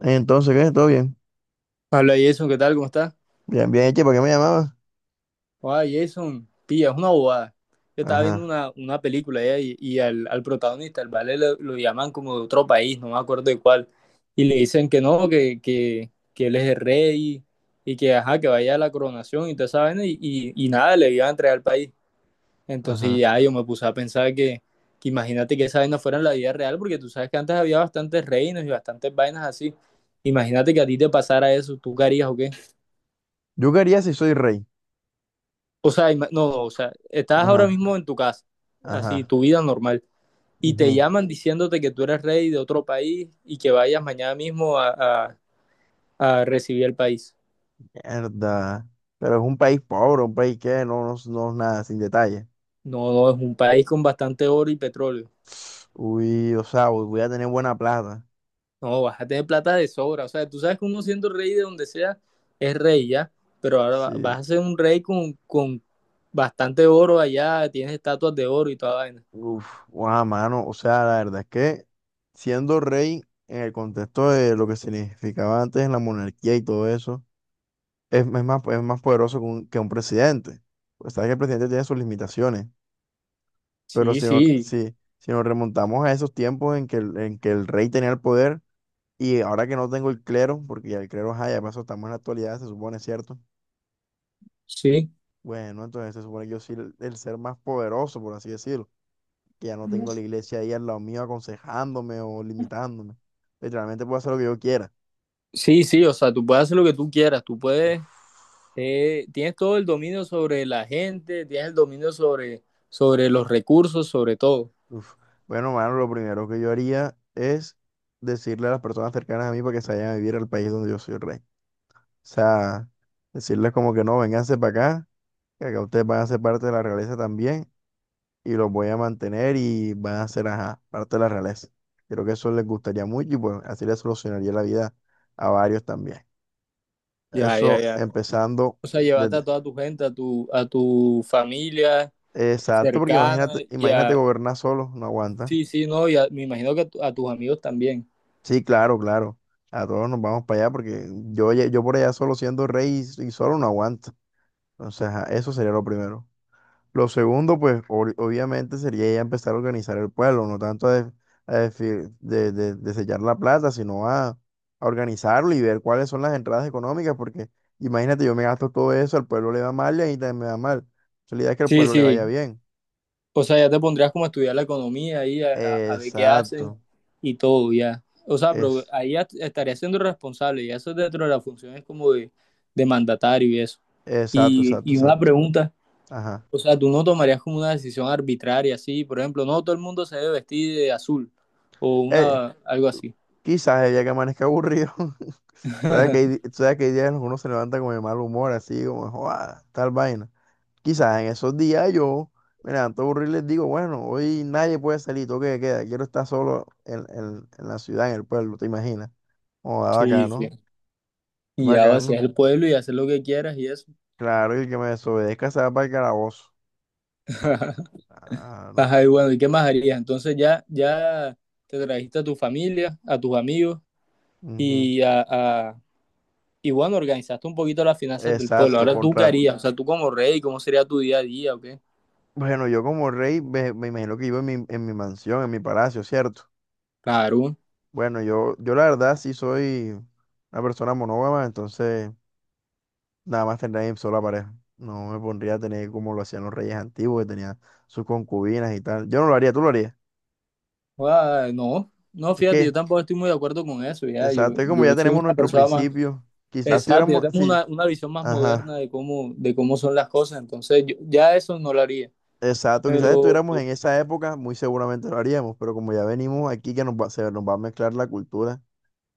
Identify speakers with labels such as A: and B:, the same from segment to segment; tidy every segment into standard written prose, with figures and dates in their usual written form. A: Entonces, ¿qué? ¿Todo bien?
B: Hola Jason, ¿qué tal? ¿Cómo estás?
A: Bien, bien, che, ¿para qué me llamabas?
B: Hola Jason, pilla, es una bobada. Yo estaba viendo
A: Ajá,
B: una película ya, y al protagonista, al vale, lo llaman como de otro país, no me acuerdo de cuál. Y le dicen que no, que él es el rey y, que ajá, que vaya a la coronación y toda esa vaina, y nada, le iban a entregar al país. Entonces
A: ajá.
B: ya yo me puse a pensar que imagínate que esa vaina fuera en la vida real, porque tú sabes que antes había bastantes reinos y bastantes vainas así. Imagínate que a ti te pasara eso, ¿tú qué harías o qué?
A: Yo quería si soy rey.
B: O sea, no, no, o sea, estás ahora
A: Ajá,
B: mismo en tu casa, así,
A: ajá.
B: tu vida normal, y te
A: Ujú.
B: llaman diciéndote que tú eres rey de otro país y que vayas mañana mismo a- a recibir el país.
A: Mierda. Pero es un país pobre, un país que no es nada, sin detalle.
B: No, no, es un país con bastante oro y petróleo.
A: Uy, o sea, voy a tener buena plata.
B: No, vas a tener plata de sobra. O sea, tú sabes que uno siendo rey de donde sea es rey ya, pero ahora va-
A: Sí.
B: vas a ser un rey con bastante oro allá, tienes estatuas de oro y toda vaina.
A: Uf, guau, mano. O sea, la verdad es que siendo rey en el contexto de lo que significaba antes en la monarquía y todo eso, es más poderoso que un presidente. Pues sabes que el presidente tiene sus limitaciones. Pero
B: Sí,
A: si no,
B: sí,
A: si nos remontamos a esos tiempos en que, en que el rey tenía el poder y ahora que no tengo el clero, porque ya el clero, ajá, ya pasó, estamos en la actualidad, se supone, ¿cierto?
B: sí,
A: Bueno, entonces se supone que yo soy el ser más poderoso, por así decirlo, que ya no tengo la iglesia ahí al lado mío aconsejándome o limitándome. Literalmente puedo hacer lo que yo quiera.
B: sí, sí, o sea, tú puedes hacer lo que tú quieras, tú puedes.
A: Uf,
B: Tienes todo el dominio sobre la gente, tienes el dominio sobre, sobre los recursos, sobre todo.
A: uf. Bueno, mano, lo primero que yo haría es decirle a las personas cercanas a mí para que se vayan a vivir al país donde yo soy el rey. O sea, decirles como que no, vénganse para acá, que acá ustedes van a ser parte de la realeza también y los voy a mantener y van a ser, ajá, parte de la realeza. Creo que eso les gustaría mucho y pues así les solucionaría la vida a varios también.
B: Ya, ya,
A: Eso
B: ya.
A: empezando
B: O sea, llevarte a
A: desde...
B: toda tu gente, a tu familia
A: Exacto, porque
B: cercana
A: imagínate,
B: y
A: imagínate
B: a...
A: gobernar solo, no aguanta.
B: Sí, sí, no, y me imagino que a tus amigos también.
A: Sí, claro, claro. A todos nos vamos para allá porque yo, yo por allá solo siendo rey y solo no aguanta. Entonces, ajá, eso sería lo primero. Lo segundo, pues obviamente sería ya empezar a organizar el pueblo, no tanto a desellar la plata, sino a organizarlo y ver cuáles son las entradas económicas, porque imagínate, yo me gasto todo eso, al pueblo le va mal y a mí también me va mal. Entonces, la idea es que al
B: Sí,
A: pueblo le vaya
B: sí.
A: bien.
B: O sea, ya te pondrías como a estudiar la economía ahí, a ver qué hacen
A: Exacto,
B: y todo, ya. O sea, pero
A: es,
B: ahí ya estarías siendo responsable y eso es dentro de las funciones como de mandatario y eso.
A: exacto,
B: Y,
A: exacto,
B: y una
A: exacto.
B: pregunta.
A: Ajá.
B: O sea, tú no tomarías como una decisión arbitraria, así, por ejemplo, no todo el mundo se debe vestir de azul o
A: Eh,
B: una algo así.
A: quizás el día que amanezca aburrido, sabes que hay, sabes que hay días en los que uno se levanta con el mal humor, así como, "Joda, tal vaina". Quizás en esos días yo me levanto aburrido y les digo, bueno, hoy nadie puede salir, toque de queda, quiero estar solo en, en la ciudad, en el pueblo, ¿te imaginas? Oh, ah,
B: Sí, sí.
A: bacano,
B: Y ya vacías
A: bacano.
B: el pueblo y hacer lo que quieras y eso.
A: Claro, y el que me desobedezca se va para el calabozo. Claro.
B: Ajá, y bueno, ¿y qué más harías? Entonces ya te trajiste a tu familia, a tus amigos
A: Ujú.
B: y y bueno, organizaste un poquito las finanzas del pueblo.
A: Exacto,
B: Ahora tú qué
A: contra...
B: harías, o sea, tú como rey, ¿cómo sería tu día a día o qué?
A: Bueno, yo como rey me imagino que vivo en mi mansión, en mi palacio, ¿cierto?
B: Claro.
A: Bueno, yo la verdad sí soy una persona monógama, entonces... Nada más tendría mi sola pareja. No me pondría a tener como lo hacían los reyes antiguos, que tenían sus concubinas y tal. Yo no lo haría, tú lo harías.
B: Ah, no, no,
A: Es
B: fíjate, yo
A: que,
B: tampoco estoy muy de acuerdo con eso, ya. Yo,
A: exacto, es como
B: yo
A: ya
B: soy
A: tenemos
B: una
A: nuestro
B: persona más.
A: principio. Quizás
B: Exacto, ya
A: tuviéramos,
B: tenemos
A: sí,
B: una visión más moderna
A: ajá,
B: de cómo son las cosas, entonces ya eso no lo haría,
A: exacto, quizás
B: pero
A: estuviéramos en esa época, muy seguramente lo haríamos, pero como ya venimos aquí que nos va, se nos va a mezclar la cultura,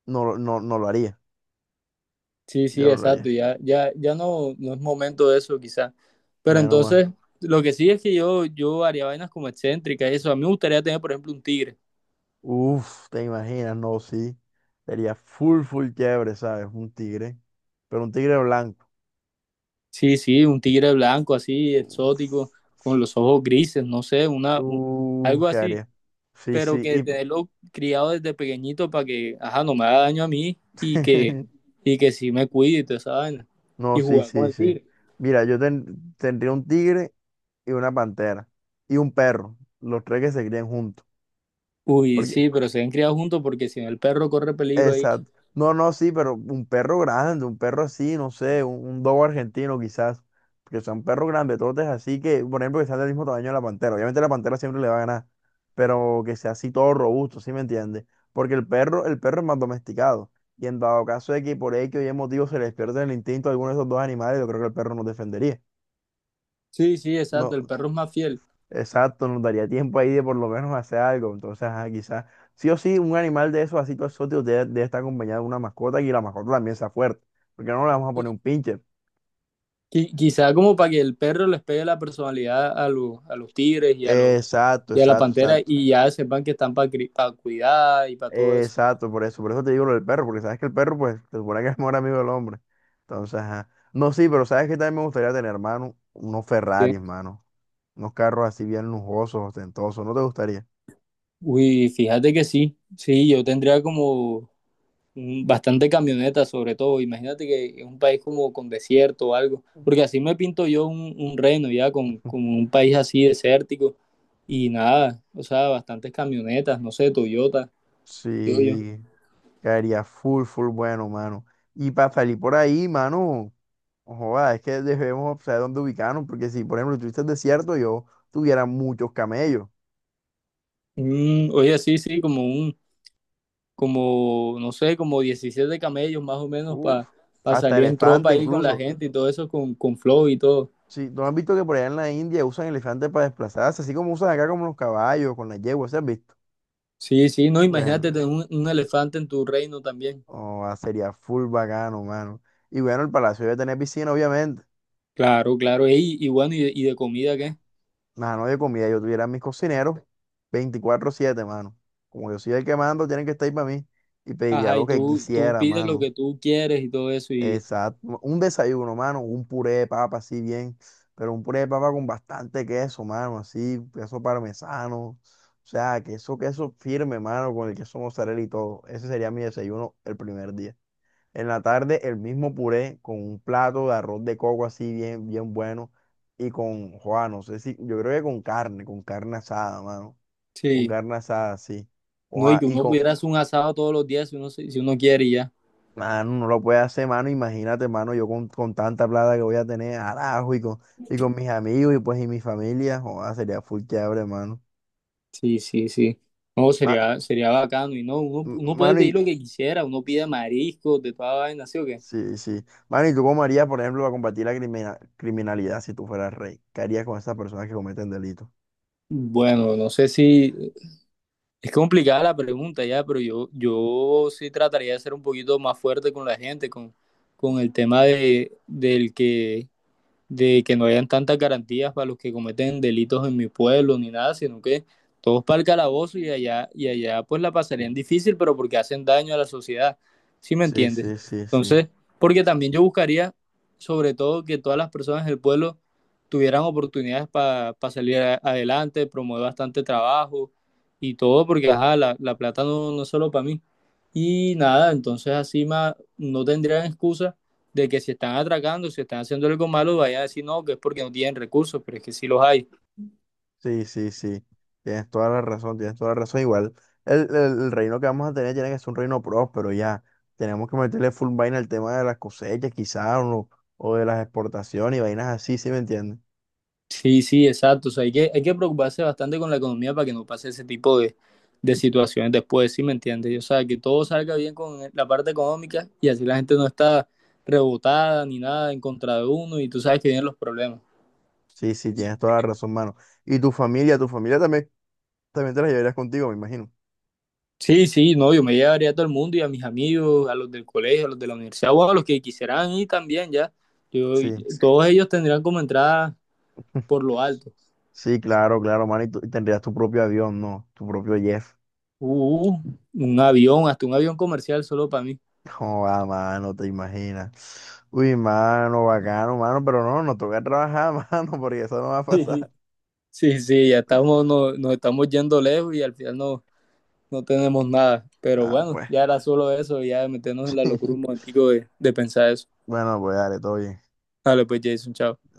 A: no, no lo haría.
B: sí, sí,
A: Yo no lo
B: exacto,
A: haría.
B: ya, ya, ya no, no es momento de eso quizás, pero
A: Bueno, man.
B: entonces lo que sí es que yo haría vainas como excéntricas, y eso, a mí me gustaría tener, por ejemplo, un tigre,
A: Uf, te imaginas, no, sí. Sería full, full chévere, ¿sabes? Un tigre, pero un tigre blanco.
B: sí, sí, un tigre blanco así,
A: Uf.
B: exótico, con los ojos grises, no sé, algo
A: Qué
B: así.
A: área. Sí,
B: Pero
A: sí.
B: que
A: Y...
B: tenerlo criado desde pequeñito para que, ajá, no me haga daño a mí y que, y que sí me cuide y toda esa vaina.
A: No,
B: Y
A: sí,
B: jugar con
A: sí,
B: el
A: sí.
B: tigre.
A: Mira, yo tendría un tigre y una pantera y un perro, los tres que se crían juntos.
B: Uy,
A: Porque...
B: sí, pero se han criado juntos porque si no el perro corre peligro ahí.
A: Exacto. No, no, sí, pero un perro grande, un perro así, no sé, un dogo argentino quizás, porque son perros grandototes así que, por ejemplo, que sean del mismo tamaño de la pantera. Obviamente la pantera siempre le va a ganar, pero que sea así todo robusto, ¿sí me entiendes? Porque el perro es más domesticado. Y en dado caso de que por X o Y motivo se les pierda el instinto a alguno de esos dos animales, yo creo que el perro nos defendería.
B: Sí, sí, exacto, el
A: No,
B: perro es más fiel.
A: exacto, nos daría tiempo ahí de por lo menos hacer algo. Entonces, ajá, quizás, sí o sí, un animal de esos así todos exóticos debe estar acompañado de una mascota y la mascota también sea fuerte. Porque no le vamos a poner un pinche.
B: Quizá como para que el perro les pegue la personalidad a los tigres y a los
A: Exacto,
B: y a la
A: exacto,
B: pantera
A: exacto.
B: y ya sepan que están para cuidar y para todo eso.
A: Exacto, por eso te digo lo del perro, porque sabes que el perro, pues, se supone que es mejor amigo del hombre. Entonces, ajá. No, sí, pero sabes que también me gustaría tener, hermano, unos
B: Sí.
A: Ferraris, mano. Unos carros así bien lujosos, ostentosos. ¿No te gustaría?
B: Uy, fíjate que sí, sí, yo tendría como bastante camioneta sobre todo. Imagínate que es un país como con desierto o algo, porque así me pinto yo un reno ya con un país así desértico y nada, o sea, bastantes camionetas, no sé, Toyota, digo yo.
A: Sí. Caería full, full bueno, mano. Y para salir por ahí, mano, joda, es que debemos saber dónde ubicarnos, porque si, por ejemplo, estuviste desierto, yo tuviera muchos camellos.
B: Oye, sí, sí, como, no sé, como 17 camellos más o menos
A: Uf,
B: para
A: hasta
B: salir en tropa
A: elefante
B: ahí con la
A: incluso.
B: gente y todo eso con flow y todo.
A: Si tú has visto que por allá en la India usan elefantes para desplazarse, así como usan acá como los caballos, con las yeguas, ¿sí has visto?
B: Sí, sí, no, imagínate
A: Bueno,
B: tener un elefante en tu reino también.
A: joda, sería full bacano, mano. Y bueno, el palacio debe tener piscina, obviamente.
B: Claro, claro, ey, y, bueno, ¿y de comida qué?
A: Mano, de comida, yo tuviera mis cocineros 24/7, mano. Como yo soy el que mando, tienen que estar ahí para mí y pediría
B: Ajá,
A: lo
B: y
A: que
B: tú
A: quisiera,
B: pides lo
A: mano.
B: que tú quieres y todo eso, y
A: Exacto. Un desayuno, mano, un puré de papa, así bien, pero un puré de papa con bastante queso, mano, así, queso parmesano. O sea, queso firme, mano, con el queso mozzarella y todo. Ese sería mi desayuno el primer día. En la tarde el mismo puré con un plato de arroz de coco así bien, bien bueno y con, Juan, no sé si, yo creo que con carne asada, mano, con
B: sí,
A: carne asada, sí.
B: no, y
A: Joa,
B: que
A: y
B: uno
A: con,
B: pudiera hacer un asado todos los días si uno quiere y ya.
A: mano, no lo puede hacer, mano, imagínate, mano, yo con tanta plata que voy a tener, arajo, y con mis amigos y pues y mi familia, Joa, sería full chévere, mano.
B: Sí, sí, sí. No,
A: Ma-
B: sería bacano, y no, uno, uno puede
A: mano, y,
B: pedir lo
A: y-
B: que quisiera, uno pide mariscos, de toda vaina, ¿sí o qué?
A: sí, sí. Mano, ¿y tú cómo harías, por ejemplo, para combatir la criminalidad si tú fueras rey? ¿Qué harías con esas personas que cometen delitos?
B: Bueno, no sé si es complicada la pregunta ya, pero yo sí trataría de ser un poquito más fuerte con la gente, con el tema de que no hayan tantas garantías para los que cometen delitos en mi pueblo ni nada, sino que todos para el calabozo y allá pues la pasarían difícil, pero porque hacen daño a la sociedad, ¿sí me
A: Sí,
B: entiendes?
A: sí, sí, sí.
B: Entonces, porque también yo buscaría sobre todo que todas las personas del pueblo tuvieran oportunidades para pa salir adelante, promover bastante trabajo y todo, porque ajá, la plata no, no es solo para mí. Y nada, entonces así más no tendrían excusa de que si están atracando, si están haciendo algo malo, vayan a decir no, que es porque no tienen recursos, pero es que sí los hay.
A: Sí, sí, sí. Tienes toda la razón, tienes toda la razón. Igual, el, el- el reino que vamos a tener tiene que ser un reino próspero, ya. Tenemos que meterle full vaina al tema de las cosechas, quizás, o de las exportaciones y vainas así, ¿sí me entiendes?
B: Sí, sí, exacto. O sea, hay que preocuparse bastante con la economía para que no pase ese tipo de situaciones después, ¿sí me entiendes? O sea, que todo salga bien con la parte económica y así la gente no está rebotada ni nada en contra de uno y tú sabes que vienen los problemas.
A: Sí, sí, tienes toda la razón, mano. Y tu familia también, también te la llevarías contigo, me imagino.
B: Sí, sí, no, yo me llevaría a todo el mundo y a mis amigos, a los del colegio, a los de la universidad o a los que quisieran ir también ya. Yo,
A: Sí,
B: Todos ellos tendrían como entrada por lo alto.
A: sí, claro, claro, mano. Y, y tendrías tu propio avión, ¿no? Tu propio jet.
B: Uh, un avión, hasta un avión comercial solo para mí.
A: Joda, mano, te imaginas. Uy, mano, bacano, mano, pero no, nos toca trabajar, mano, porque eso no va a pasar.
B: Sí, sí, ya estamos, no- nos, estamos yendo lejos y al final no, no tenemos nada. Pero
A: Ah,
B: bueno,
A: pues.
B: ya era solo eso, ya meternos en la locura un momentico de pensar eso.
A: Bueno, pues dale, todo bien.
B: Dale, pues Jason, chao.